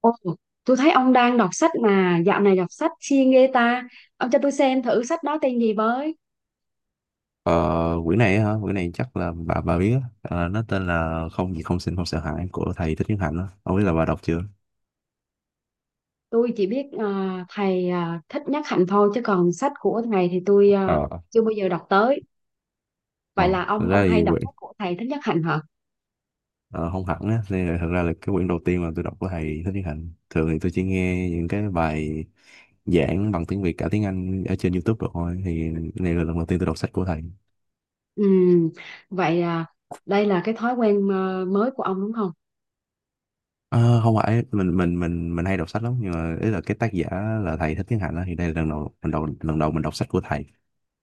Ồ, tôi thấy ông đang đọc sách mà dạo này đọc sách siêng ghê ta. Ông cho tôi xem thử sách đó tên gì với. Ờ, quyển này á hả? Quyển này chắc là bà biết á. Ờ, nó tên là Không gì không xin không sợ hãi của thầy Thích Nhất Hạnh á. Không biết là bà đọc chưa? Tôi chỉ biết thầy Thích Nhất Hạnh thôi chứ còn sách của thầy thì tôi Ờ. chưa bao giờ đọc tới. Vậy Ờ, là thực ông ra hay thì đọc quyển sách của thầy Thích Nhất Hạnh hả? ờ, không hẳn á, nên là thực ra là cái quyển đầu tiên mà tôi đọc của thầy Thích Nhất Hạnh. Thường thì tôi chỉ nghe những cái bài giảng bằng tiếng Việt cả tiếng Anh ở trên YouTube rồi thôi. Thì này là lần đầu tiên tôi đọc sách của thầy. Ừ, vậy à, đây là cái thói quen mới của ông đúng không? Ờ, không phải mình hay đọc sách lắm, nhưng mà ý là cái tác giả là thầy Thích Nhất Hạnh á, thì đây là lần đầu mình đọc sách của thầy.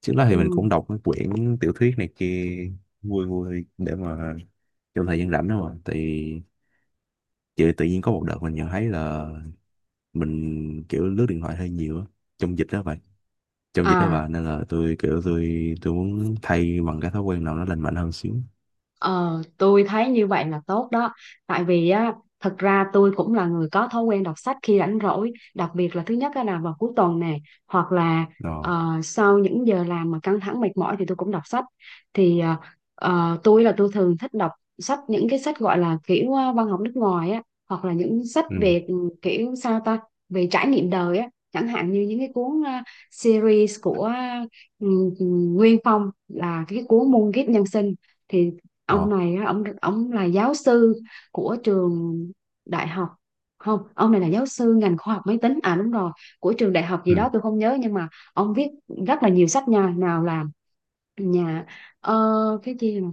Trước đó thì mình Ừ. cũng đọc mấy quyển tiểu thuyết này kia vui vui để mà trong thời gian rảnh đó mà. Thì chị tự nhiên có một đợt mình nhận thấy là mình kiểu lướt điện thoại hơi nhiều á, trong dịch đó vậy, trong dịch đó À. bà, nên là tôi kiểu tôi muốn thay bằng cái thói quen nào nó lành mạnh hơn xíu. Ờ, tôi thấy như vậy là tốt đó. Tại vì á, thật ra tôi cũng là người có thói quen đọc sách khi rảnh rỗi. Đặc biệt là thứ nhất á là vào cuối tuần nè, hoặc là Ờ. Sau những giờ làm mà căng thẳng mệt mỏi thì tôi cũng đọc sách. Thì ờ, tôi là tôi thường thích đọc sách, những cái sách gọi là kiểu văn học nước ngoài á, hoặc là những sách Ừ. về kiểu sao ta, về trải nghiệm đời á. Chẳng hạn như những cái cuốn series của ừ, Nguyên Phong, là cái cuốn Muôn kiếp nhân sinh. Thì Ờ. ông này á, ông là giáo sư của trường đại học, không, ông này là giáo sư ngành khoa học máy tính, à đúng rồi, của trường đại học gì Ừ. đó tôi không nhớ. Nhưng mà ông viết rất là nhiều sách nha, nào là nhà ờ, cái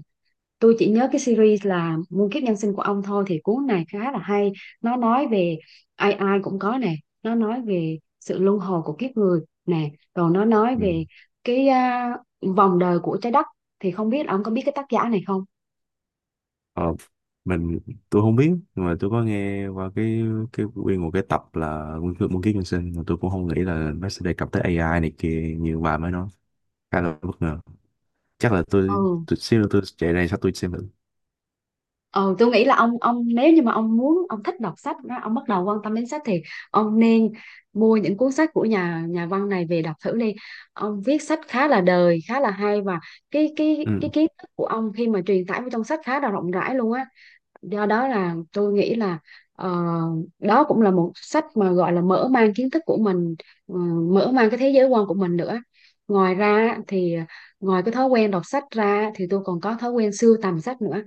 tôi chỉ nhớ cái series là Muôn kiếp nhân sinh của ông thôi. Thì cuốn này khá là hay, nó nói về ai ai cũng có nè, nó nói về sự luân hồi của kiếp người nè, rồi nó nói Ừ. về cái à, vòng đời của trái đất. Thì không biết ông có biết cái tác giả này không. Ờ. mình tôi không biết, nhưng mà tôi có nghe qua cái nguyên một cái tập là Nguyên Kiếp Nhân Sinh, mà tôi cũng không nghĩ là nó sẽ đề cập tới AI này kia như bà mới nói. Khá là bất ngờ. Chắc là tôi Ừ. tôi xíu nữa tôi chạy ra sao tôi xem thử. Ừ, tôi nghĩ là ông nếu như mà ông muốn, ông thích đọc sách đó, ông bắt đầu quan tâm đến sách, thì ông nên mua những cuốn sách của nhà nhà văn này về đọc thử đi. Ông viết sách khá là đời, khá là hay, và cái Ừ. cái cái kiến thức của ông khi mà truyền tải vào trong sách khá là rộng rãi luôn á. Do đó là tôi nghĩ là ờ, đó cũng là một sách mà gọi là mở mang kiến thức của mình, ờ, mở mang cái thế giới quan của mình nữa. Ngoài ra thì ngoài cái thói quen đọc sách ra thì tôi còn có thói quen sưu tầm sách nữa.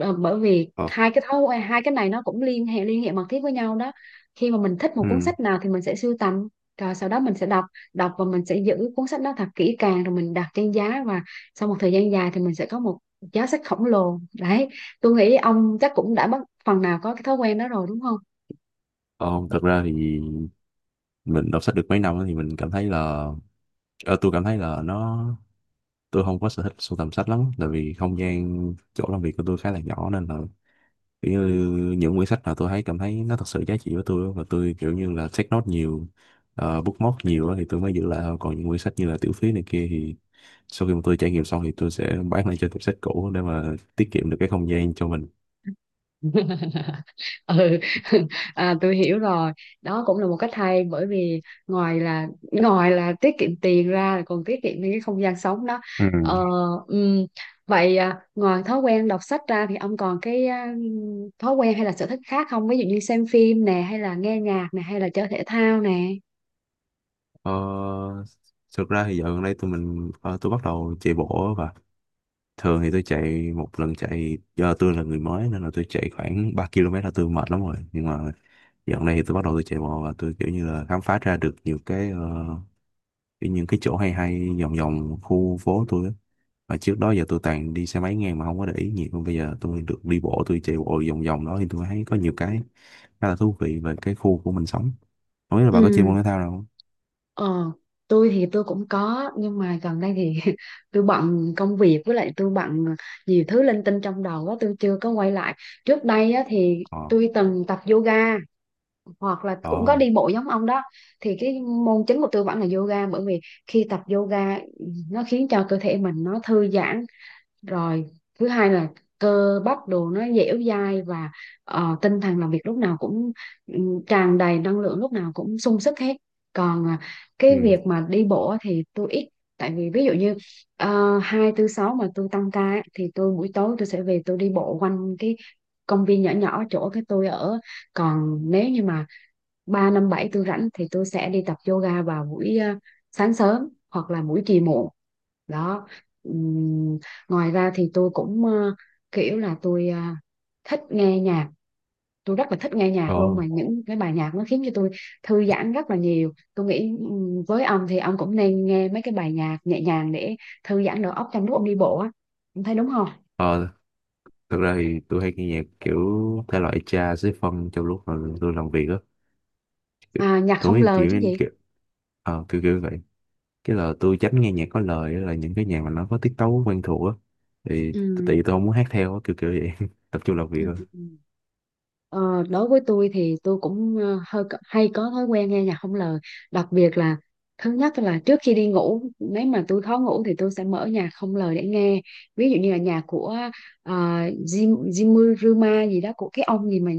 Ờ, bởi vì Ờ. hai cái thói quen, hai cái này nó cũng liên hệ mật thiết với nhau đó. Khi mà mình thích một cuốn Ừ. sách nào thì mình sẽ sưu tầm, rồi sau đó mình sẽ đọc, và mình sẽ giữ cuốn sách đó thật kỹ càng, rồi mình đặt trên giá, và sau một thời gian dài thì mình sẽ có một giá sách khổng lồ đấy. Tôi nghĩ ông chắc cũng đã bắt phần nào có cái thói quen đó rồi đúng không? Ờ. Không, thật ra thì mình đọc sách được mấy năm á thì mình cảm thấy là, ờ, tôi cảm thấy là tôi không có sở thích sưu tầm sách lắm, tại vì không gian chỗ làm việc của tôi khá là nhỏ, nên là kiểu như những quyển sách nào tôi thấy cảm thấy nó thật sự giá trị với tôi á, và tôi kiểu như là take note nhiều, bookmark nhiều á thì tôi mới giữ lại thôi. Còn những quyển sách như là tiểu thuyết này kia thì sau khi mà tôi trải nghiệm xong thì tôi sẽ bán lại cho tiệm sách cũ để mà tiết kiệm được cái không gian cho mình. Ừ. À, tôi hiểu rồi, đó cũng là một cách hay. Bởi vì ngoài là ngoài là tiết kiệm tiền ra là còn tiết kiệm những cái không gian sống đó. Ừ. ờ, ừm, Vậy à, ngoài thói quen đọc sách ra thì ông còn cái à, thói quen hay là sở thích khác không, ví dụ như xem phim nè, hay là nghe nhạc nè, hay là chơi thể thao nè? Ờ, thực ra thì dạo gần đây tôi bắt đầu chạy bộ. Và thường thì tôi chạy một lần chạy, do tôi là người mới nên là tôi chạy khoảng 3 km là tôi mệt lắm rồi, nhưng mà dạo gần đây thì tôi bắt đầu chạy bộ và tôi kiểu như là khám phá ra được nhiều cái, kiểu những cái chỗ hay hay vòng vòng khu phố tôi á. Và trước đó giờ tôi toàn đi xe máy ngang mà không có để ý nhiều, còn bây giờ tôi được đi bộ, tôi chạy bộ vòng vòng đó thì tôi thấy có nhiều cái khá là thú vị về cái khu của mình sống. Không biết là bà có chơi môn Ừ. thể thao nào không? Ờ, tôi thì tôi cũng có, nhưng mà gần đây thì tôi bận công việc, với lại tôi bận nhiều thứ linh tinh trong đầu quá, tôi chưa có quay lại. Trước đây á, thì Ờ. tôi từng tập yoga hoặc là cũng có Ờ. đi bộ giống ông đó. Thì cái môn chính của tôi vẫn là yoga, bởi vì khi tập yoga nó khiến cho cơ thể mình nó thư giãn, rồi thứ hai là cơ bắp đồ nó dẻo dai, và tinh thần làm việc lúc nào cũng tràn đầy năng lượng, lúc nào cũng sung sức hết. Còn à, cái Ừ. việc mà đi bộ á thì tôi ít. Tại vì ví dụ như hai tư sáu mà tôi tăng ca á, thì tôi buổi tối tôi sẽ về tôi đi bộ quanh cái công viên nhỏ nhỏ chỗ cái tôi ở. Còn nếu như mà 3 năm 7 tôi rảnh thì tôi sẽ đi tập yoga vào buổi sáng sớm hoặc là buổi chiều muộn đó. Ừm, ngoài ra thì tôi cũng kiểu là tôi thích nghe nhạc, tôi rất là thích nghe nhạc luôn. Ờ. Mà những cái bài nhạc nó khiến cho tôi thư giãn rất là nhiều. Tôi nghĩ với ông thì ông cũng nên nghe mấy cái bài nhạc nhẹ nhàng để thư giãn đầu óc trong lúc ông đi bộ á, ông thấy đúng không? Ờ, thực ra thì tôi hay nghe nhạc kiểu thể loại jazz với phân trong lúc mà tôi làm việc á. Kiểu- À, nhạc Tôi không nghĩ lời kiểu, chứ như gì. kiểu, kiểu kiểu vậy. Cái là tôi tránh nghe nhạc có lời á, là những cái nhạc mà nó có tiết tấu quen thuộc á. Thì Ừ. tại vì tôi không muốn hát theo á, kiểu kiểu vậy. Tập trung làm việc Ừ. thôi. Ờ, đối với tôi thì tôi cũng hơi hay có thói quen nghe nhạc không lời. Đặc biệt là thứ nhất là trước khi đi ngủ, nếu mà tôi khó ngủ thì tôi sẽ mở nhạc không lời để nghe. Ví dụ như là nhạc của ờ, Jim Jimmy Rima gì đó, của cái ông gì mà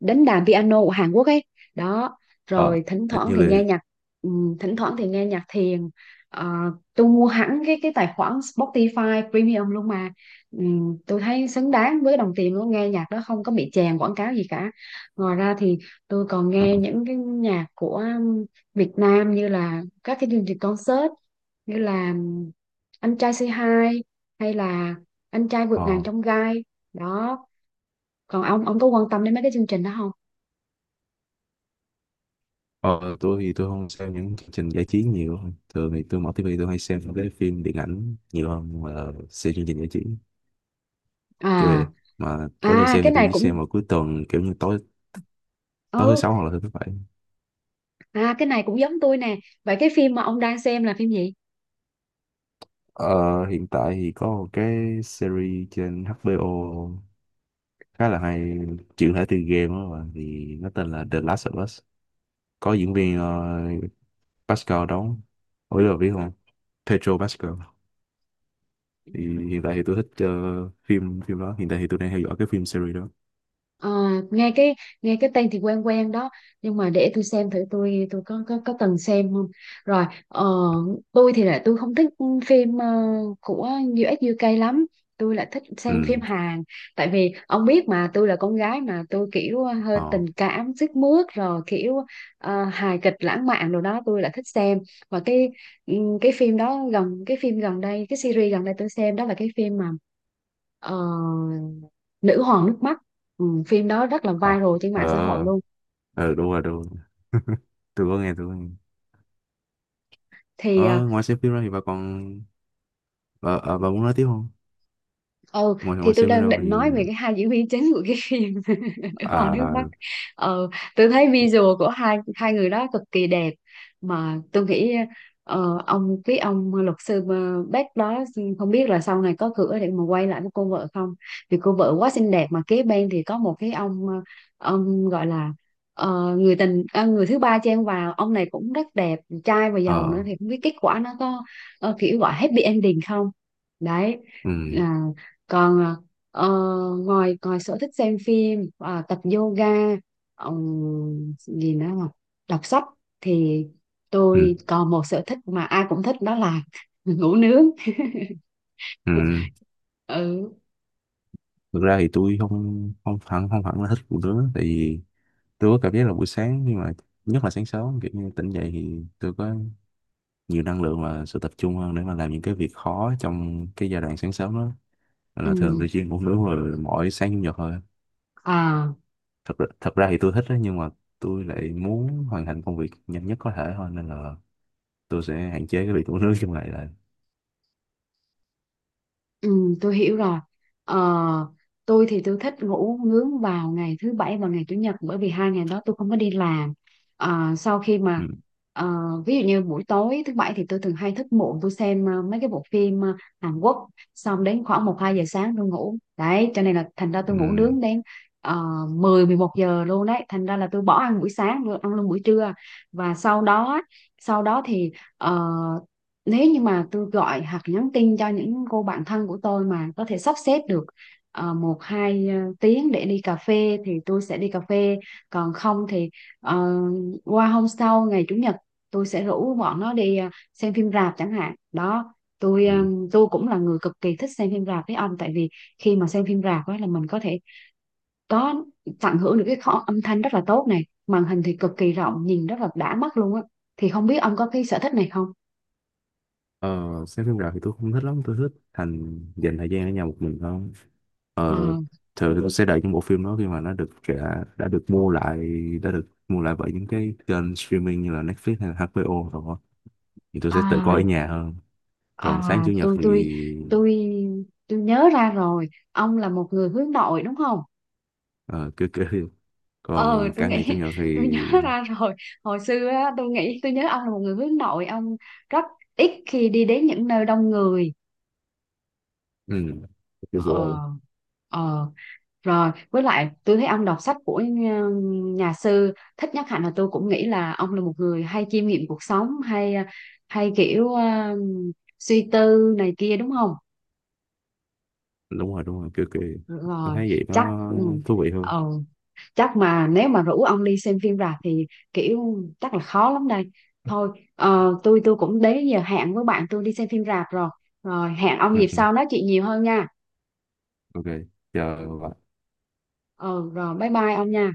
đánh đàn piano của Hàn Quốc ấy, đó. Ờ, Rồi thỉnh hình thoảng như thì là. nghe nhạc thỉnh thoảng thì nghe nhạc thiền. Ờ, tôi mua hẳn cái tài khoản Spotify Premium luôn mà. Ừ, tôi thấy xứng đáng với đồng tiền luôn, nghe nhạc đó không có bị chèn quảng cáo gì cả. Ngoài ra thì tôi còn Ờ, nghe những cái nhạc của Việt Nam, như là các cái chương trình concert như là Anh trai Say Hi hay là Anh trai vượt ngàn ờ, chông gai, đó. Còn ông có quan tâm đến mấy cái chương trình đó không? ờ, tôi thì tôi không xem những chương trình giải trí nhiều. Thường thì tôi mở tivi tôi hay xem những cái phim điện ảnh nhiều hơn là xem chương trình giải trí. Kiểu À. vậy, mà mỗi lần À, xem thì cái tôi này chỉ cũng, xem vào cuối tuần, kiểu như tối ừ, tối thứ sáu hoặc là thứ thứ bảy. à cái này cũng giống tôi nè. Vậy cái phim mà ông đang xem là phim gì? Ờ, hiện tại thì có một cái series trên HBO khá là hay, chuyển thể từ game đó mà, thì nó tên là The Last of Us, có diễn viên Pascal đóng, ủa là biết không, Pedro Pascal. Thì hiện tại thì tôi thích phim phim đó, hiện tại thì tôi đang theo dõi cái phim series đó. Ờ, nghe cái, nghe cái tên thì quen quen đó, nhưng mà để tôi xem thử tôi, tôi có từng xem không. Rồi tôi thì là tôi không thích phim của US UK lắm, tôi là thích Ừ. xem phim Hàn. Tại vì ông biết mà, tôi là con gái mà, tôi kiểu hơi Ờ. tình cảm sức mướt rồi, kiểu hài kịch lãng mạn rồi đó, tôi là thích xem. Và cái ừ, cái phim đó gần, cái phim gần đây, cái series gần đây tôi xem đó là cái phim mà ờ, Nữ hoàng nước mắt. Ừ, phim đó rất là Ờ. viral trên Ờ. mạng xã hội luôn. Ờ, đúng rồi đúng rồi, tôi có nghe, tôi có nghe. Thì ờ, Ờ, ngoài xem phim ra thì bà còn bà, à, bà muốn nói tiếp không? ừ, ngoài thì ngoài tôi xem phim ra đang định thì. nói về cái hai diễn viên chính của cái phim Nữ hoàng nước Bắc. À. Ờ, tôi thấy visual của hai hai người đó cực kỳ đẹp. Mà tôi nghĩ ông, cái ông luật sư Beck đó, không biết là sau này có cửa để mà quay lại với cô vợ không, vì cô vợ quá xinh đẹp. Mà kế bên thì có một cái ông ông gọi là người tình, người thứ ba chen vào, ông này cũng rất đẹp trai và giàu Ờ. nữa. Thì không biết kết quả nó có kiểu gọi happy ending không, đấy. Ừ. À, còn à, Ờ, ngoài, ngoài sở thích xem phim, à, tập yoga, gì nữa mà, đọc sách, thì Ừ. tôi còn một sở thích mà ai cũng thích, đó là ngủ nướng. Ừ. Ừ, Thực ra thì tôi không không hẳn không hẳn là thích phụ nữ, tại vì tôi có cảm giác là buổi sáng, nhưng mà nhất là sáng sớm kiểu như tỉnh dậy thì tôi có nhiều năng lượng và sự tập trung hơn để mà làm những cái việc khó trong cái giai đoạn sáng sớm đó. Nên là thường tôi chuyên ngủ nướng rồi mỗi sáng chủ nhật thôi. ừ. Thật ra, thì tôi thích đó, nhưng mà tôi lại muốn hoàn thành công việc nhanh nhất có thể thôi, nên là tôi sẽ hạn chế cái việc ngủ nướng trong ngày lại. Ừ, tôi hiểu rồi. Ờ, tôi thì tôi thích ngủ nướng vào ngày thứ bảy và ngày chủ nhật, bởi vì hai ngày đó tôi không có đi làm. Ờ, sau khi mà Ừ. ờ, ví dụ như buổi tối thứ bảy thì tôi thường hay thức muộn, tôi xem mấy cái bộ phim Hàn Quốc, xong đến khoảng một 2 giờ sáng tôi ngủ. Đấy, cho nên là thành ra tôi Ừ. ngủ nướng đến uh, 10 11 giờ luôn đấy, thành ra là tôi bỏ ăn buổi sáng, tôi ăn luôn buổi trưa. Và sau đó, sau đó thì ờ, nếu như mà tôi gọi hoặc nhắn tin cho những cô bạn thân của tôi mà có thể sắp xếp được một hai tiếng để đi cà phê thì tôi sẽ đi cà phê. Còn không thì ờ, qua hôm sau ngày chủ nhật tôi sẽ rủ bọn nó đi xem phim rạp chẳng hạn đó. tôi ờ, Ừ. tôi cũng là người cực kỳ thích xem phim rạp với ông. Tại vì khi mà xem phim rạp ấy là mình có thể có, tận hưởng được cái kho âm thanh rất là tốt này, màn hình thì cực kỳ rộng nhìn rất là đã mắt luôn á. Thì không biết ông có cái sở thích này không? Ờ, xem phim rạp thì tôi không thích lắm, tôi thích dành thời gian ở nhà một mình hơn. Ờ. Ờ, thường thì tôi sẽ đợi những bộ phim đó khi mà nó đã được mua lại bởi những cái kênh streaming như là Netflix hay là HBO rồi đó. Thì tôi sẽ tự coi ở À, nhà hơn. À, Còn sáng chủ nhật thì tôi tôi nhớ ra rồi, ông là một người hướng nội đúng không? ờ, cứ cứ Ờ còn tôi cả ngày chủ nghĩ nhật thì tôi nhớ ra rồi, hồi xưa á, tôi nghĩ tôi nhớ ông là một người hướng nội, ông rất ít khi đi đến những nơi đông người. ừ, cứ rồi. ờ ờ Rồi với lại tôi thấy ông đọc sách của nhà, nhà sư Thích Nhất Hạnh, là tôi cũng nghĩ là ông là một người hay chiêm nghiệm cuộc sống, hay hay kiểu suy tư này kia đúng không? Đúng rồi đúng rồi, cứ cứ tôi Rồi, thấy vậy chắc nó ừ. thú vị hơn. Ờ, chắc mà nếu mà rủ ông đi xem phim rạp thì kiểu chắc là khó lắm đây. Thôi tôi cũng đến giờ hẹn với bạn tôi đi xem phim rạp rồi, rồi hẹn ông Ừ, dịp ừ, sau nói chuyện nhiều hơn nha. OK, chờ bạn. Ừ, rồi bye bye ông nha.